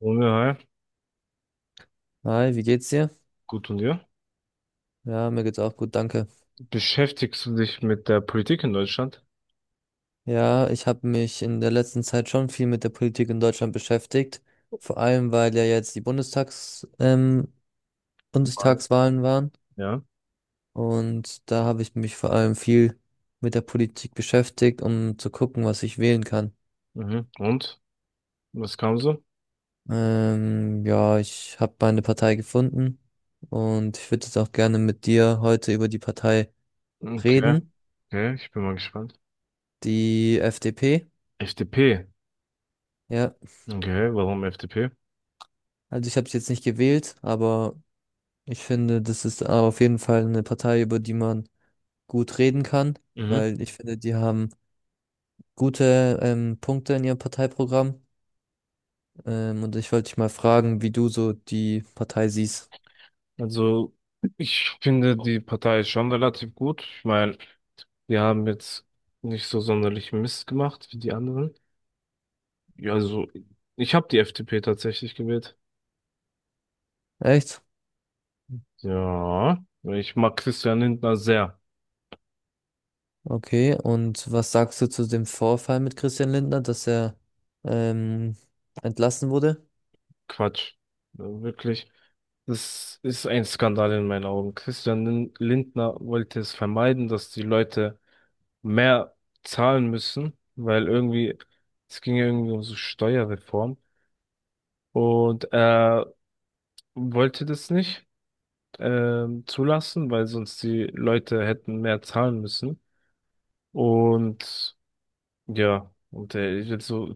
Junge, hi. Hi, wie geht's dir? Gut und dir? Ja, mir geht's auch gut, danke. Beschäftigst du dich mit der Politik in Deutschland? Ja, ich habe mich in der letzten Zeit schon viel mit der Politik in Deutschland beschäftigt, vor allem weil ja jetzt die Nein. Bundestagswahlen waren Ja. und da habe ich mich vor allem viel mit der Politik beschäftigt, um zu gucken, was ich wählen kann. Mhm. Und? Was kam so? Ja, ich habe meine Partei gefunden und ich würde jetzt auch gerne mit dir heute über die Partei Okay. reden, Okay, ich bin mal gespannt. die FDP. FDP. Ja, Okay, warum FDP? also ich habe sie jetzt nicht gewählt, aber ich finde, das ist auf jeden Fall eine Partei, über die man gut reden kann, Mhm. weil ich finde, die haben gute Punkte in ihrem Parteiprogramm. Und ich wollte dich mal fragen, wie du so die Partei siehst. Also, ich finde die Partei ist schon relativ gut. Ich meine, die haben jetzt nicht so sonderlich Mist gemacht wie die anderen. Ja, also, ich habe die FDP tatsächlich gewählt. Echt? Ja, ich mag Christian Lindner sehr. Okay. Und was sagst du zu dem Vorfall mit Christian Lindner, dass er ähm, entlassen wurde? Quatsch. Wirklich. Das ist ein Skandal in meinen Augen. Christian Lindner wollte es vermeiden, dass die Leute mehr zahlen müssen, weil irgendwie, es ging ja irgendwie um so Steuerreform und er wollte das nicht zulassen, weil sonst die Leute hätten mehr zahlen müssen. Und ja, und er ist jetzt so,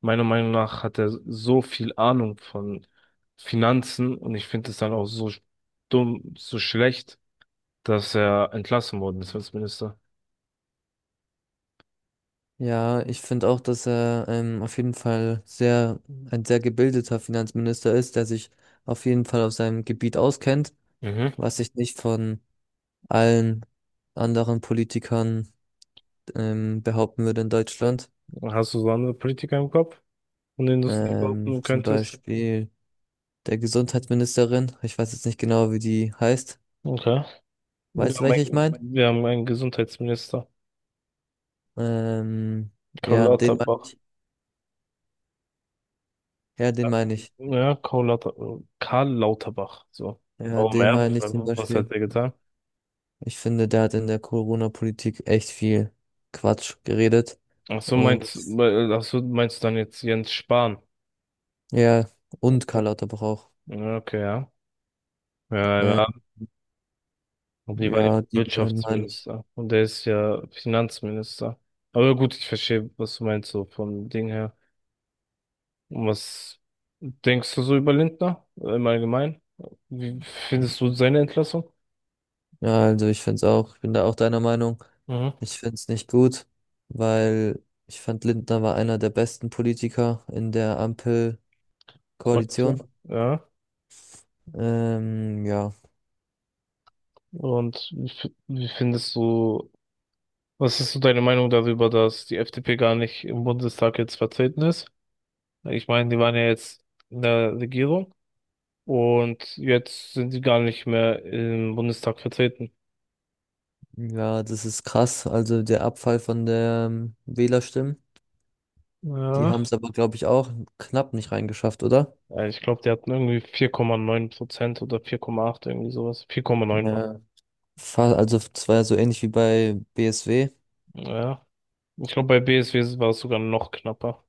meiner Meinung nach hat er so viel Ahnung von Finanzen und ich finde es dann auch so dumm, so schlecht, dass er entlassen worden ist als Minister. Ja, ich finde auch, dass er auf jeden Fall sehr, ein sehr gebildeter Finanzminister ist, der sich auf jeden Fall auf seinem Gebiet auskennt, Mhm. was ich nicht von allen anderen Politikern behaupten würde in Deutschland. Hast du so andere Politiker im Kopf, von denen du es nicht behaupten Zum könntest? Beispiel der Gesundheitsministerin. Ich weiß jetzt nicht genau, wie die heißt. Okay. Weißt du, welche ich meine? Wir haben einen Gesundheitsminister, Ähm, Karl ja, den meine Lauterbach. ich. Ja, den meine ich. Ja, Karl Lauterbach. So. Ja, Warum den er? meine ich zum Was hat Beispiel. er getan? Ich finde, der hat in der Corona-Politik echt viel Quatsch geredet. Ach so, Und meinst du dann jetzt Jens Spahn? ja, und Okay, Karl Lauterbach auch. ja. Okay, ja. Ja, ja. Ähm, Und die war ja ja, die beiden meine ich. Wirtschaftsminister. Und der ist ja Finanzminister. Aber gut, ich verstehe, was du meinst, so vom Ding her. Was denkst du so über Lindner im Allgemeinen? Wie findest du seine Entlassung? Ja, also ich find's auch, ich bin da auch deiner Meinung. Mhm. Ich find's nicht gut, weil ich fand Lindner war einer der besten Politiker in der Ampelkoalition. Koalition. Ja. Ähm, ja, Und wie, wie findest du, was ist so deine Meinung darüber, dass die FDP gar nicht im Bundestag jetzt vertreten ist? Ich meine, die waren ja jetzt in der Regierung und jetzt sind die gar nicht mehr im Bundestag vertreten. ja, das ist krass. Also der Abfall von der Wählerstimmen, die haben Ja. es aber, glaube ich, auch knapp nicht reingeschafft, oder? Ja, ich glaube, die hatten irgendwie 4,9% oder 4,8, irgendwie sowas. 4,9 war. Ja, also es war ja so ähnlich wie bei BSW. Ja. Ich glaube, bei BSW war es sogar noch knapper.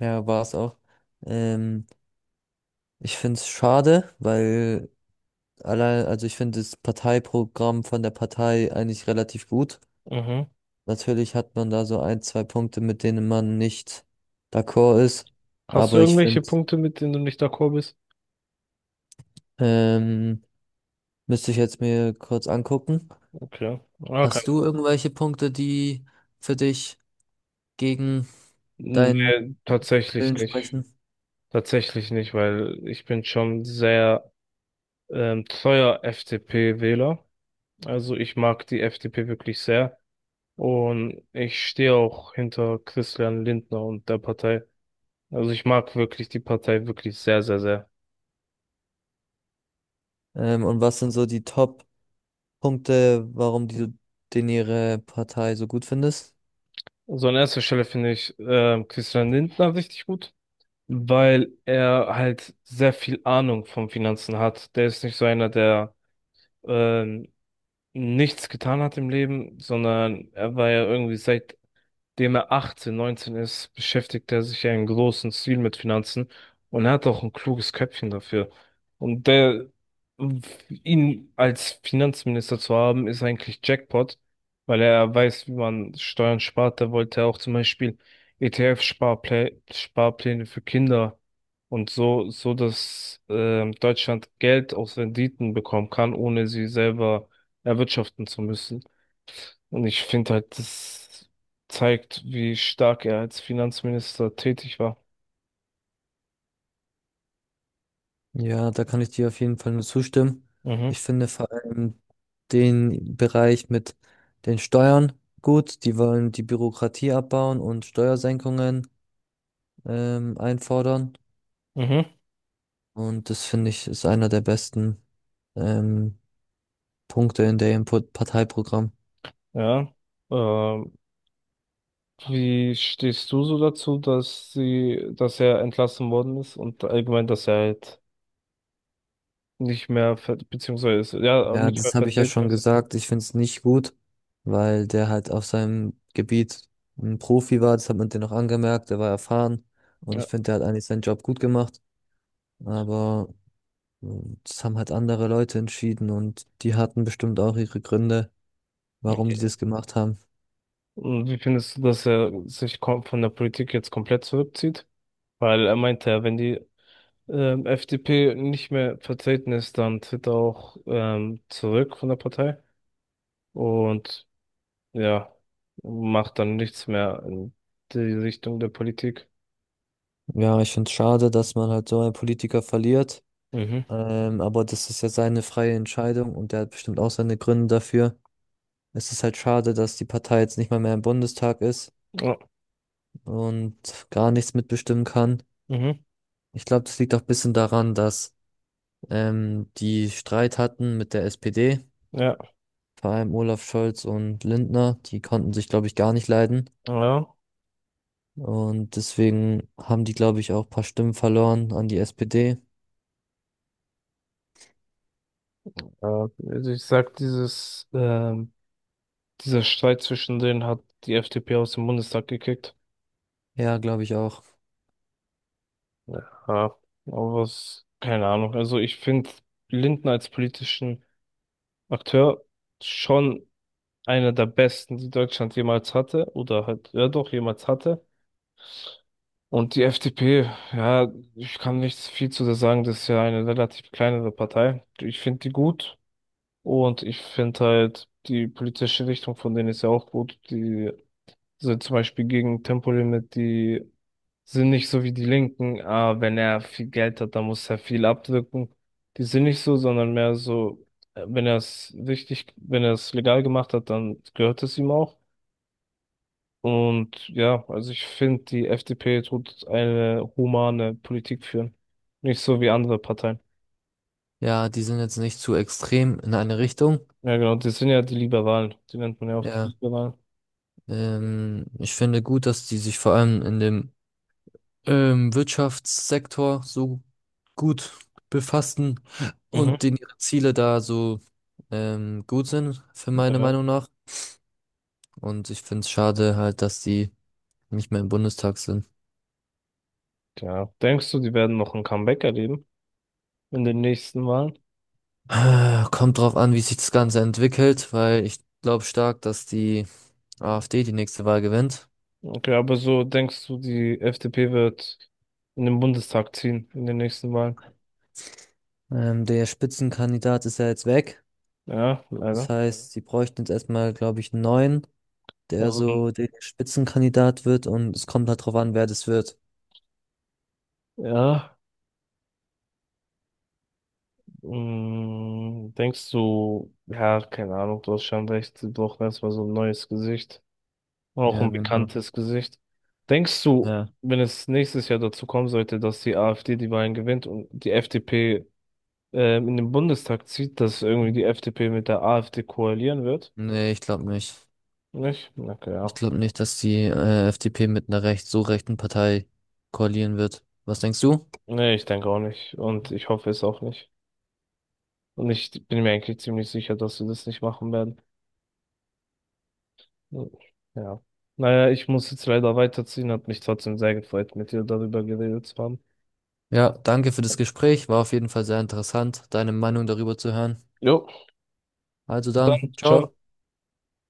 Ja, war's auch. Ähm, ich find's schade, weil allein, also ich finde das Parteiprogramm von der Partei eigentlich relativ gut. Mhm. Natürlich hat man da so ein, zwei Punkte, mit denen man nicht d'accord ist. Hast du Aber ich finde, irgendwelche Punkte, mit denen du nicht d'accord bist? ähm, müsste ich jetzt mir kurz angucken. Okay. Okay. Hast du irgendwelche Punkte, die für dich gegen Nee, deinen tatsächlich Willen nicht. sprechen? Tatsächlich nicht, weil ich bin schon sehr treuer FDP-Wähler. Also ich mag die FDP wirklich sehr. Und ich stehe auch hinter Christian Lindner und der Partei. Also ich mag wirklich die Partei wirklich sehr, sehr, sehr. Und was sind so die Top-Punkte, warum den ihre Partei so gut findest? So an erster Stelle finde ich Christian Lindner richtig gut, weil er halt sehr viel Ahnung vom Finanzen hat. Der ist nicht so einer, der ähm, nichts getan hat im Leben, sondern er war ja irgendwie, seit dem er 18, 19 ist, beschäftigt er sich ja in großem Stil mit Finanzen und er hat auch ein kluges Köpfchen dafür. Und der, ihn als Finanzminister zu haben, ist eigentlich Jackpot, weil er weiß, wie man Steuern spart. Da wollte er auch zum Beispiel ETF-Sparpläne, Sparpläne für Kinder und so, so dass Deutschland Geld aus Renditen bekommen kann, ohne sie selber erwirtschaften zu müssen. Und ich finde halt, das zeigt, wie stark er als Finanzminister tätig war. Ja, da kann ich dir auf jeden Fall nur zustimmen. Mhm, Ich finde vor allem den Bereich mit den Steuern gut. Die wollen die Bürokratie abbauen und Steuersenkungen einfordern. mhm, Und das finde ich ist einer der besten ähm, Punkte in der Input Parteiprogramm. ja. Ähm, Wie stehst du so dazu, dass er entlassen worden ist und allgemein, dass er halt nicht mehr, beziehungsweise, ist, ja, Ja, nicht mehr das habe ich ja vertreten schon ist? gesagt. Ich finde es nicht gut, weil der halt auf seinem Gebiet ein Profi war. Das hat man dir noch angemerkt. Der war erfahren und Ja. ich finde, der hat eigentlich seinen Job gut gemacht. Aber und das haben halt andere Leute entschieden und die hatten bestimmt auch ihre Gründe, warum die Okay. das gemacht haben. Und wie findest du, dass er sich von der Politik jetzt komplett zurückzieht? Weil er meinte ja, wenn die FDP nicht mehr vertreten ist, dann tritt er auch zurück von der Partei und ja, macht dann nichts mehr in die Richtung der Politik. Ja, ich finde es schade, dass man halt so einen Politiker verliert. Mhm. Aber das ist ja seine freie Entscheidung und der hat bestimmt auch seine Gründe dafür. Es ist halt schade, dass die Partei jetzt nicht mal mehr im Bundestag ist Ja. und gar nichts mitbestimmen kann. Mhm. Ich glaube, das liegt auch ein bisschen daran, dass die Streit hatten mit der SPD, Ja. vor allem Olaf Scholz und Lindner. Die konnten sich, glaube ich, gar nicht leiden. Ja. Und deswegen haben die, glaube ich, auch ein paar Stimmen verloren an die SPD. Äh, Also ich sag, dieser Streit zwischen denen hat die FDP aus dem Bundestag gekickt. Ja, glaube ich auch. Ja. Aber was, keine Ahnung. Also ich finde Lindner als politischen Akteur schon einer der besten, die Deutschland jemals hatte, oder halt, ja doch, jemals hatte. Und die FDP, ja, ich kann nicht viel zu der sagen, das ist ja eine relativ kleinere Partei. Ich finde die gut und ich finde halt die politische Richtung von denen ist ja auch gut. Die sind zum Beispiel gegen Tempolimit, die sind nicht so wie die Linken. Ah, wenn er viel Geld hat, dann muss er viel abdrücken. Die sind nicht so, sondern mehr so, wenn er es legal gemacht hat, dann gehört es ihm auch. Und ja, also ich finde, die FDP tut eine humane Politik führen. Nicht so wie andere Parteien. Ja, die sind jetzt nicht zu extrem in eine Richtung. Ja, genau, das sind ja die Liberalen. Die nennt man ja auch die Ja, Liberalen. Ich finde gut, dass die sich vor allem in dem Wirtschaftssektor so gut befassen Mhm. und denen ihre Ziele da so gut sind, für meine Ja. Meinung nach. Und ich finde es schade halt, dass die nicht mehr im Bundestag sind. Ja. Denkst du, die werden noch ein Comeback erleben in den nächsten Wahlen? Kommt drauf an, wie sich das Ganze entwickelt, weil ich glaube stark, dass die AfD die nächste Wahl gewinnt. Okay, aber so denkst du, die FDP wird in den Bundestag ziehen in den nächsten Wahlen? Der Spitzenkandidat ist ja jetzt weg. Ja, Das leider. Mhm. heißt, sie bräuchten jetzt erstmal, glaube ich, einen neuen, der Also, so der Spitzenkandidat wird und es kommt halt drauf an, wer das wird. ja. Denkst du, ja, keine Ahnung, du hast schon recht, sie brauchen erstmal so ein neues Gesicht. Auch Ja, ein genau. bekanntes Gesicht. Denkst du, Ja. wenn es nächstes Jahr dazu kommen sollte, dass die AfD die Wahlen gewinnt und die FDP in den Bundestag zieht, dass irgendwie die FDP mit der AfD koalieren wird? Nee, ich glaube nicht. Nicht? Okay, Ich ja. glaube nicht, dass die FDP mit einer recht, so rechten Partei koalieren wird. Was denkst du? Nee, ich denke auch nicht. Und ich hoffe es auch nicht. Und ich bin mir eigentlich ziemlich sicher, dass sie das nicht machen werden. Ja. Naja, ich muss jetzt leider weiterziehen. Hat mich trotzdem sehr gefreut, mit dir darüber geredet zu haben. Ja, danke für das Gespräch. War auf jeden Fall sehr interessant, deine Meinung darüber zu hören. Jo. Also dann, Dann, ciao. ciao.